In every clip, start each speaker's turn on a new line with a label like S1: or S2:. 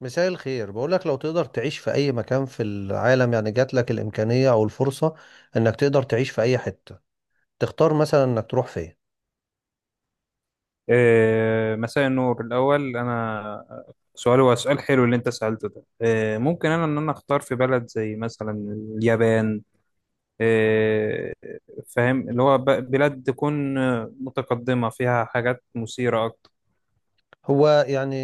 S1: مساء الخير. بقولك لو تقدر تعيش في أي مكان في العالم، يعني جات لك الإمكانية أو الفرصة إنك تقدر تعيش في أي حتة، تختار مثلا إنك تروح فين؟
S2: مساء النور. الأول أنا سؤال، هو سؤال حلو اللي أنت سألته ده. ممكن أنا، إن أنا أختار في بلد زي مثلا اليابان. إيه، فاهم اللي هو بلاد تكون متقدمة فيها حاجات مثيرة أكتر.
S1: هو يعني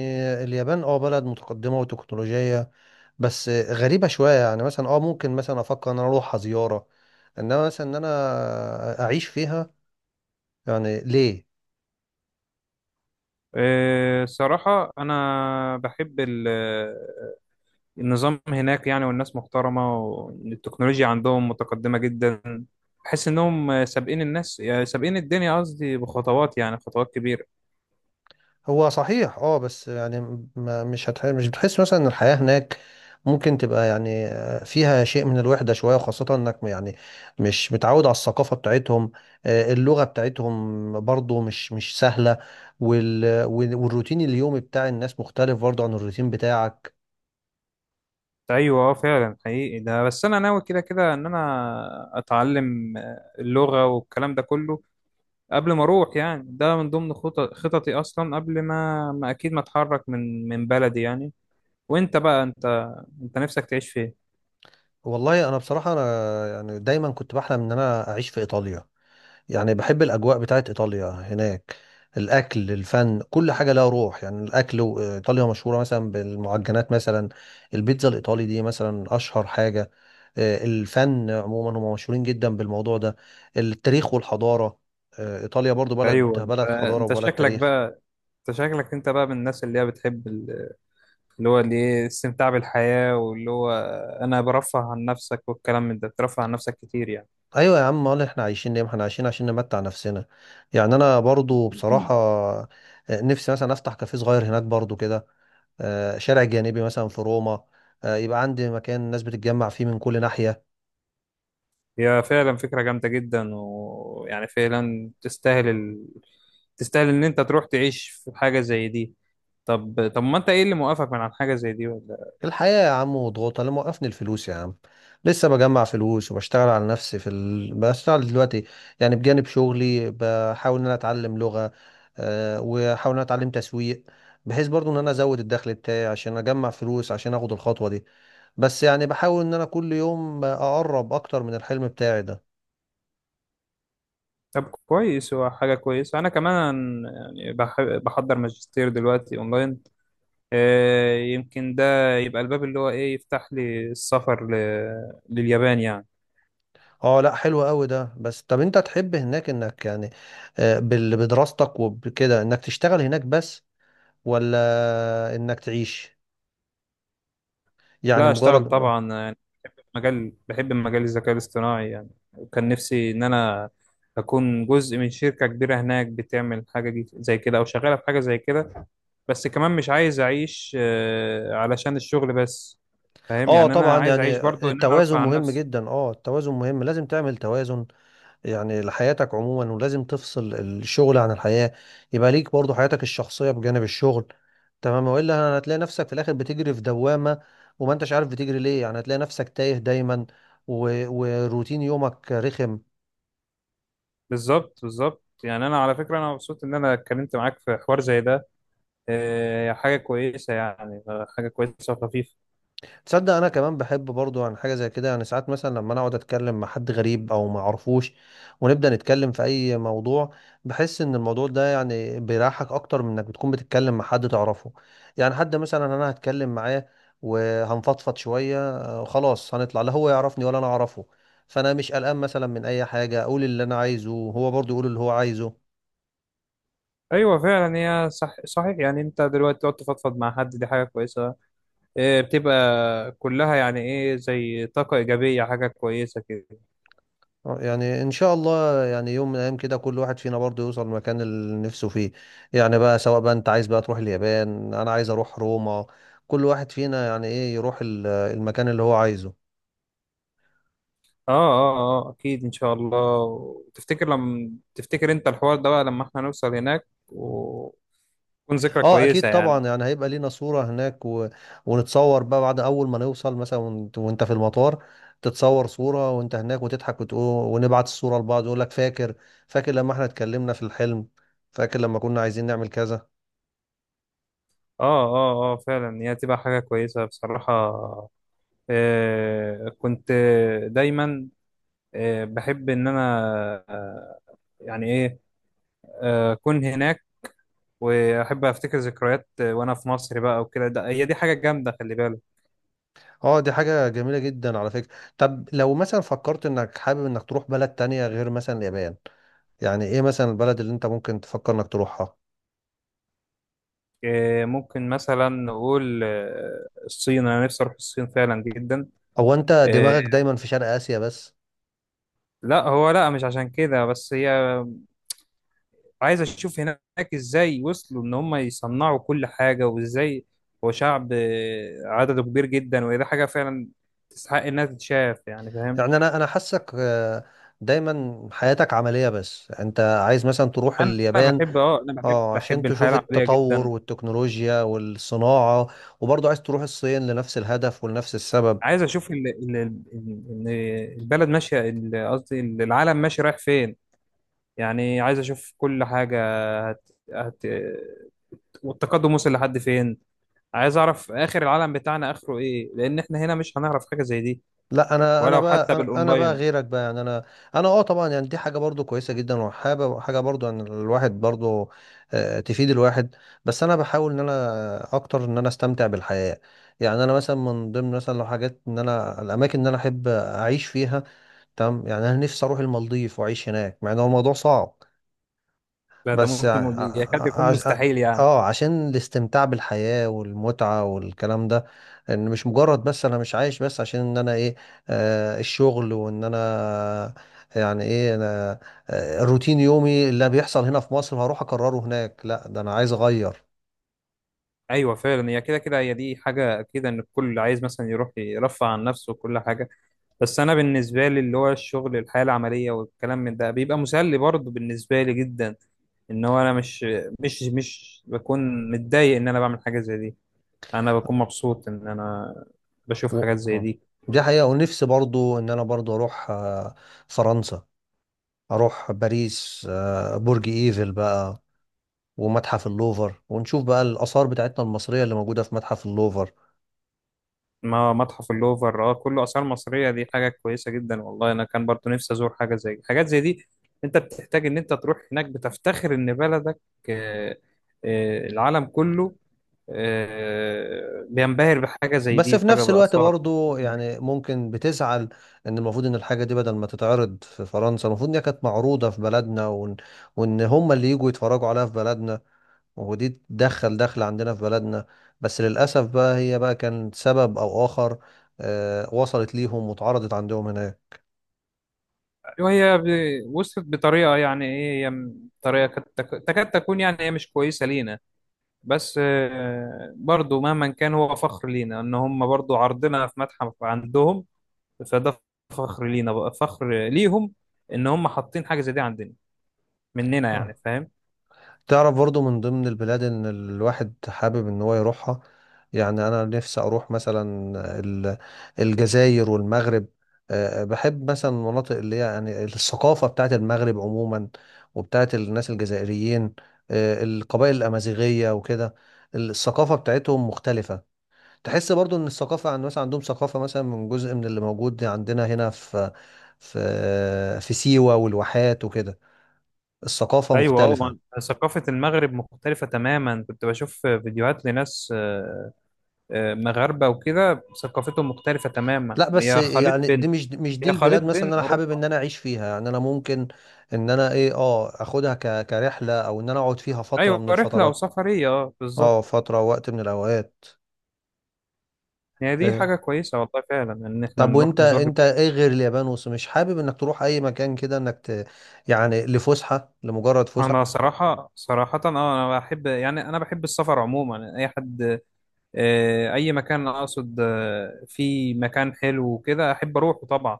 S1: اليابان اه بلد متقدمة وتكنولوجية، بس غريبة شوية. يعني مثلا اه ممكن مثلا أفكر إن أنا أروحها زيارة، إنما مثلا إن أنا أعيش فيها، يعني ليه؟
S2: صراحة أنا بحب النظام هناك، يعني والناس محترمة والتكنولوجيا عندهم متقدمة جدا. بحس إنهم سابقين الناس، يعني سابقين الدنيا، قصدي بخطوات، يعني خطوات كبيرة.
S1: هو صحيح اه، بس يعني ما مش بتحس مثلا ان الحياة هناك ممكن تبقى يعني فيها شيء من الوحدة شوية؟ وخاصة انك يعني مش متعود على الثقافة بتاعتهم. اللغة بتاعتهم برضو مش سهلة. وال... وال- والروتين اليومي بتاع الناس مختلف برضو عن الروتين بتاعك.
S2: ايوه فعلا حقيقي ده، بس انا ناوي كده كده ان انا اتعلم اللغه والكلام ده كله قبل ما اروح، يعني ده من ضمن خطط خططي اصلا قبل ما اكيد ما اتحرك من بلدي يعني. وانت بقى انت نفسك تعيش فين؟
S1: والله انا بصراحة يعني دايما كنت بحلم ان انا اعيش في ايطاليا. يعني بحب الأجواء بتاعت إيطاليا هناك، الأكل، الفن، كل حاجة لها روح. يعني إيطاليا مشهورة مثلا بالمعجنات، مثلا البيتزا الإيطالي دي مثلا أشهر حاجة. الفن عموما هم مشهورين جدا بالموضوع ده، التاريخ والحضارة. إيطاليا برضو بلد
S2: ايوه انت
S1: بلد حضارة
S2: انت
S1: وبلد
S2: شكلك
S1: تاريخ.
S2: بقى، انت شكلك بقى من الناس اللي هي بتحب اللي هو اللي ايه، الاستمتاع بالحياه واللي هو انا برفه عن نفسك والكلام من ده، بترفه عن نفسك كتير يعني.
S1: أيوة يا عم، أمال إحنا عايشين ليه؟ ما إحنا عايشين عشان نمتع نفسنا. يعني أنا برضو بصراحة نفسي مثلا أفتح كافيه صغير هناك برضو كده، شارع جانبي مثلا في روما، يبقى عندي مكان الناس بتتجمع فيه من كل ناحية.
S2: هي فعلا فكرة جامدة جدا، ويعني فعلا تستاهل ان انت تروح تعيش في حاجة زي دي. طب ما انت ايه اللي موقفك من عن حاجة زي دي ولا؟
S1: الحياة يا عم وضغوطها اللي موقفني، الفلوس يا عم. لسه بجمع فلوس وبشتغل على نفسي بشتغل دلوقتي يعني بجانب شغلي، بحاول ان انا اتعلم لغة، وحاول ان انا اتعلم تسويق، بحيث برضو ان انا ازود الدخل بتاعي عشان اجمع فلوس عشان اخد الخطوة دي. بس يعني بحاول ان انا كل يوم اقرب اكتر من الحلم بتاعي ده.
S2: طب كويس، هو حاجة كويسة. انا كمان يعني بحضر ماجستير دلوقتي اونلاين. يمكن ده يبقى الباب اللي هو ايه، يفتح لي السفر لليابان يعني.
S1: اه لا حلو قوي ده. بس طب انت تحب هناك انك يعني بدراستك وبكده انك تشتغل هناك بس، ولا انك تعيش؟ يعني
S2: لا اشتغل
S1: مجرد اه.
S2: طبعا، مجال بحب مجال الذكاء الاصطناعي يعني، وكان نفسي إن أنا أكون جزء من شركة كبيرة هناك بتعمل حاجة دي زي كده، أو شغالة في حاجة زي كده. بس كمان مش عايز أعيش علشان الشغل بس. فاهم
S1: آه
S2: يعني، أنا
S1: طبعا،
S2: عايز
S1: يعني
S2: أعيش برضو إن أنا
S1: التوازن
S2: أرفع عن
S1: مهم
S2: نفسي.
S1: جدا. اه التوازن مهم، لازم تعمل توازن يعني لحياتك عموما، ولازم تفصل الشغل عن الحياة، يبقى ليك برضو حياتك الشخصية بجانب الشغل. تمام، والا هتلاقي نفسك في الاخر بتجري في دوامة وما انتش عارف بتجري ليه. يعني هتلاقي نفسك تايه دايما، و... وروتين يومك رخم.
S2: بالظبط بالظبط. يعني أنا على فكرة أنا مبسوط إن أنا اتكلمت معاك في حوار زي ده. حاجة كويسة يعني، حاجة كويسة وخفيفة.
S1: تصدق انا كمان بحب برضو عن حاجه زي كده. يعني ساعات مثلا لما انا اقعد اتكلم مع حد غريب او ما اعرفوش، ونبدا نتكلم في اي موضوع، بحس ان الموضوع ده يعني بيريحك اكتر من انك بتكون بتتكلم مع حد تعرفه. يعني حد مثلا انا هتكلم معاه وهنفضفض شويه، خلاص هنطلع لا هو يعرفني ولا انا اعرفه. فانا مش قلقان مثلا من اي حاجه، اقول اللي انا عايزه وهو برضو يقول اللي هو عايزه.
S2: أيوة فعلا، هي صح صحيح. يعني أنت دلوقتي تقعد تفضفض مع حد، دي حاجة كويسة. بتبقى كلها يعني ايه، زي طاقة إيجابية، حاجة كويسة كده.
S1: يعني ان شاء الله يعني يوم من الايام كده كل واحد فينا برضه يوصل المكان اللي نفسه فيه. يعني بقى سواء بقى انت عايز بقى تروح اليابان، انا عايز اروح روما. كل واحد فينا يعني ايه يروح المكان اللي هو عايزه.
S2: اه اه اه أكيد إن شاء الله. وتفتكر لما تفتكر أنت الحوار ده بقى لما احنا نوصل هناك، وتكون ذكرى
S1: اه اكيد
S2: كويسة يعني.
S1: طبعا، يعني هيبقى لينا صورة هناك و... ونتصور بقى بعد اول ما نوصل مثلا وانت وإنت في المطار تتصور صورة وانت هناك وتضحك وتقول، ونبعت الصورة لبعض يقول لك فاكر؟ فاكر لما احنا اتكلمنا في الحلم؟ فاكر لما كنا عايزين نعمل كذا؟
S2: اه اه اه فعلا، هي تبقى حاجة كويسة بصراحة. كنت دايما بحب إن أنا آه يعني ايه أكون هناك، وأحب أفتكر ذكريات وأنا في مصر بقى وكده هي دي حاجة جامدة، خلي بالك.
S1: اه دي حاجة جميلة جدا على فكرة. طب لو مثلا فكرت انك حابب انك تروح بلد تانية غير مثلا اليابان، يعني ايه مثلا البلد اللي انت ممكن تفكر انك تروحها؟
S2: ممكن مثلا نقول الصين، انا نفسي اروح الصين فعلا جدا.
S1: او انت
S2: آه،
S1: دماغك دايما في شرق اسيا بس؟
S2: لا هو لا، مش عشان كده بس، هي عايز اشوف هناك ازاي وصلوا ان هم يصنعوا كل حاجة وازاي. هو شعب عدده كبير جدا، وهي دي حاجة فعلا تستحق انها تتشاف يعني، فاهم.
S1: يعني انا حاسك دايما حياتك عملية. بس انت عايز مثلا تروح
S2: انا
S1: اليابان
S2: بحب، اه انا بحب،
S1: اه عشان
S2: الحياة
S1: تشوف
S2: العملية
S1: التطور
S2: جدا.
S1: والتكنولوجيا والصناعة، وبرضه عايز تروح الصين لنفس الهدف ولنفس السبب.
S2: عايز اشوف ال- البلد قصدي العالم ماشي رايح فين، يعني عايز اشوف كل حاجه هت... هت... والتقدم وصل لحد فين. عايز اعرف اخر العالم بتاعنا اخره ايه، لان احنا هنا مش هنعرف حاجه زي دي،
S1: لا انا انا
S2: ولو حتى
S1: بقى انا أنا بقى
S2: بالاونلاين.
S1: غيرك بقى. يعني انا انا اه طبعا يعني دي حاجه برضو كويسه جدا، وحابه حاجه برضو ان الواحد برضو تفيد الواحد، بس انا بحاول ان انا اكتر ان انا استمتع بالحياه. يعني انا مثلا من ضمن مثلا لو حاجات ان انا الاماكن اللي انا احب اعيش فيها، تمام، يعني انا نفسي اروح المالديف واعيش هناك مع ان هو الموضوع صعب.
S2: ده
S1: بس ع...
S2: ممكن يكاد
S1: ع...
S2: يكون
S1: عش... ع-
S2: مستحيل يعني.
S1: اه عشان الاستمتاع بالحياة والمتعة والكلام ده. ان مش مجرد بس انا مش عايش بس عشان ان انا ايه، آه الشغل وان انا يعني ايه انا آه الروتين يومي اللي بيحصل هنا في مصر هروح اكرره هناك. لا ده انا عايز اغير.
S2: ايوه فعلا، هي كده كده، هي دي حاجه اكيد، ان الكل عايز مثلا يروح يرفع عن نفسه وكل حاجه. بس انا بالنسبه لي اللي هو الشغل، الحياه العمليه والكلام من ده، بيبقى مسلي برضه بالنسبه لي جدا. ان هو انا مش بكون متضايق ان انا بعمل حاجه زي دي، انا بكون مبسوط ان انا بشوف
S1: و...
S2: حاجات زي
S1: آه.
S2: دي.
S1: دي حقيقة. ونفسي برضو ان انا برضو اروح آه فرنسا، اروح باريس، آه برج ايفل بقى، ومتحف اللوفر، ونشوف بقى الآثار بتاعتنا المصرية اللي موجودة في متحف اللوفر.
S2: ما متحف اللوفر اه كله اثار مصريه، دي حاجه كويسه جدا. والله انا كان برضو نفسي ازور حاجه، زي حاجات زي دي. انت بتحتاج ان انت تروح هناك بتفتخر ان بلدك، آه، العالم كله بينبهر بحاجه زي
S1: بس
S2: دي،
S1: في
S2: بحاجه
S1: نفس الوقت
S2: باثار.
S1: برضو يعني ممكن بتزعل ان المفروض ان الحاجة دي بدل ما تتعرض في فرنسا، المفروض ان هي كانت معروضة في بلدنا، وان, وإن هم اللي يجوا يتفرجوا عليها في بلدنا، ودي تدخل دخل عندنا في بلدنا. بس للأسف بقى هي بقى كان سبب او آخر وصلت ليهم واتعرضت عندهم هناك.
S2: وصلت بطريقه يعني ايه، هي تكاد تكون يعني هي مش كويسه لينا. بس برضو مهما كان، هو فخر لينا ان هم برضو عرضنا في متحف عندهم. فده فخر لينا بقى، فخر ليهم ان هم حاطين حاجة زي دي عندنا مننا يعني، فاهم.
S1: تعرف برضو من ضمن البلاد ان الواحد حابب ان هو يروحها، يعني انا نفسي اروح مثلا ال- الجزائر والمغرب. بحب مثلا المناطق اللي هي يعني الثقافة بتاعت المغرب عموما، وبتاعت الناس الجزائريين، القبائل الأمازيغية وكده. الثقافة بتاعتهم مختلفة. تحس برضو ان الثقافة عن مثلا عندهم ثقافة مثلا من جزء من اللي موجود عندنا هنا في في سيوة والواحات وكده. الثقافة
S2: ايوه اه
S1: مختلفة.
S2: ثقافة المغرب مختلفة تماما، كنت بشوف فيديوهات لناس مغاربة وكده، ثقافتهم مختلفة تماما،
S1: لا بس
S2: هي خليط
S1: يعني دي
S2: بين،
S1: مش مش دي
S2: هي خليط
S1: البلاد مثلا إن
S2: بين
S1: انا حابب
S2: اوروبا.
S1: ان انا اعيش فيها. يعني انا ممكن ان انا ايه اه اخدها ك... كرحله او ان انا اقعد فيها فتره
S2: ايوه
S1: من
S2: رحلة او
S1: الفترات،
S2: سفرية اه بالظبط.
S1: اه فتره وقت من الاوقات.
S2: هي دي
S1: إيه.
S2: حاجة كويسة والله فعلا ان احنا
S1: طب
S2: نروح
S1: وانت
S2: نزور.
S1: انت ايه غير اليابان مش حابب انك تروح اي مكان كده انك ت...؟ يعني لفسحه، لمجرد فسحه.
S2: انا صراحه اه انا بحب، يعني انا بحب السفر عموما، اي حد اي مكان اقصد في مكان حلو وكده احب اروحه طبعا،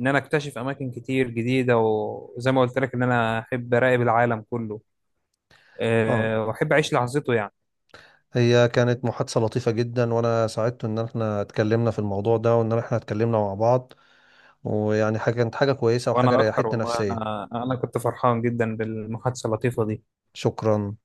S2: ان انا اكتشف اماكن كتير جديده. وزي ما قلت لك، ان انا احب اراقب العالم كله
S1: اه
S2: واحب اعيش لحظته يعني.
S1: هي كانت محادثه لطيفه جدا، وانا سعدت ان احنا اتكلمنا في الموضوع ده وان احنا اتكلمنا مع بعض. ويعني حاجه كانت حاجه كويسه وحاجه
S2: وانا اكتر،
S1: ريحتني
S2: والله
S1: نفسيا.
S2: انا كنت فرحان جدا بالمحادثه اللطيفه دي.
S1: شكرا.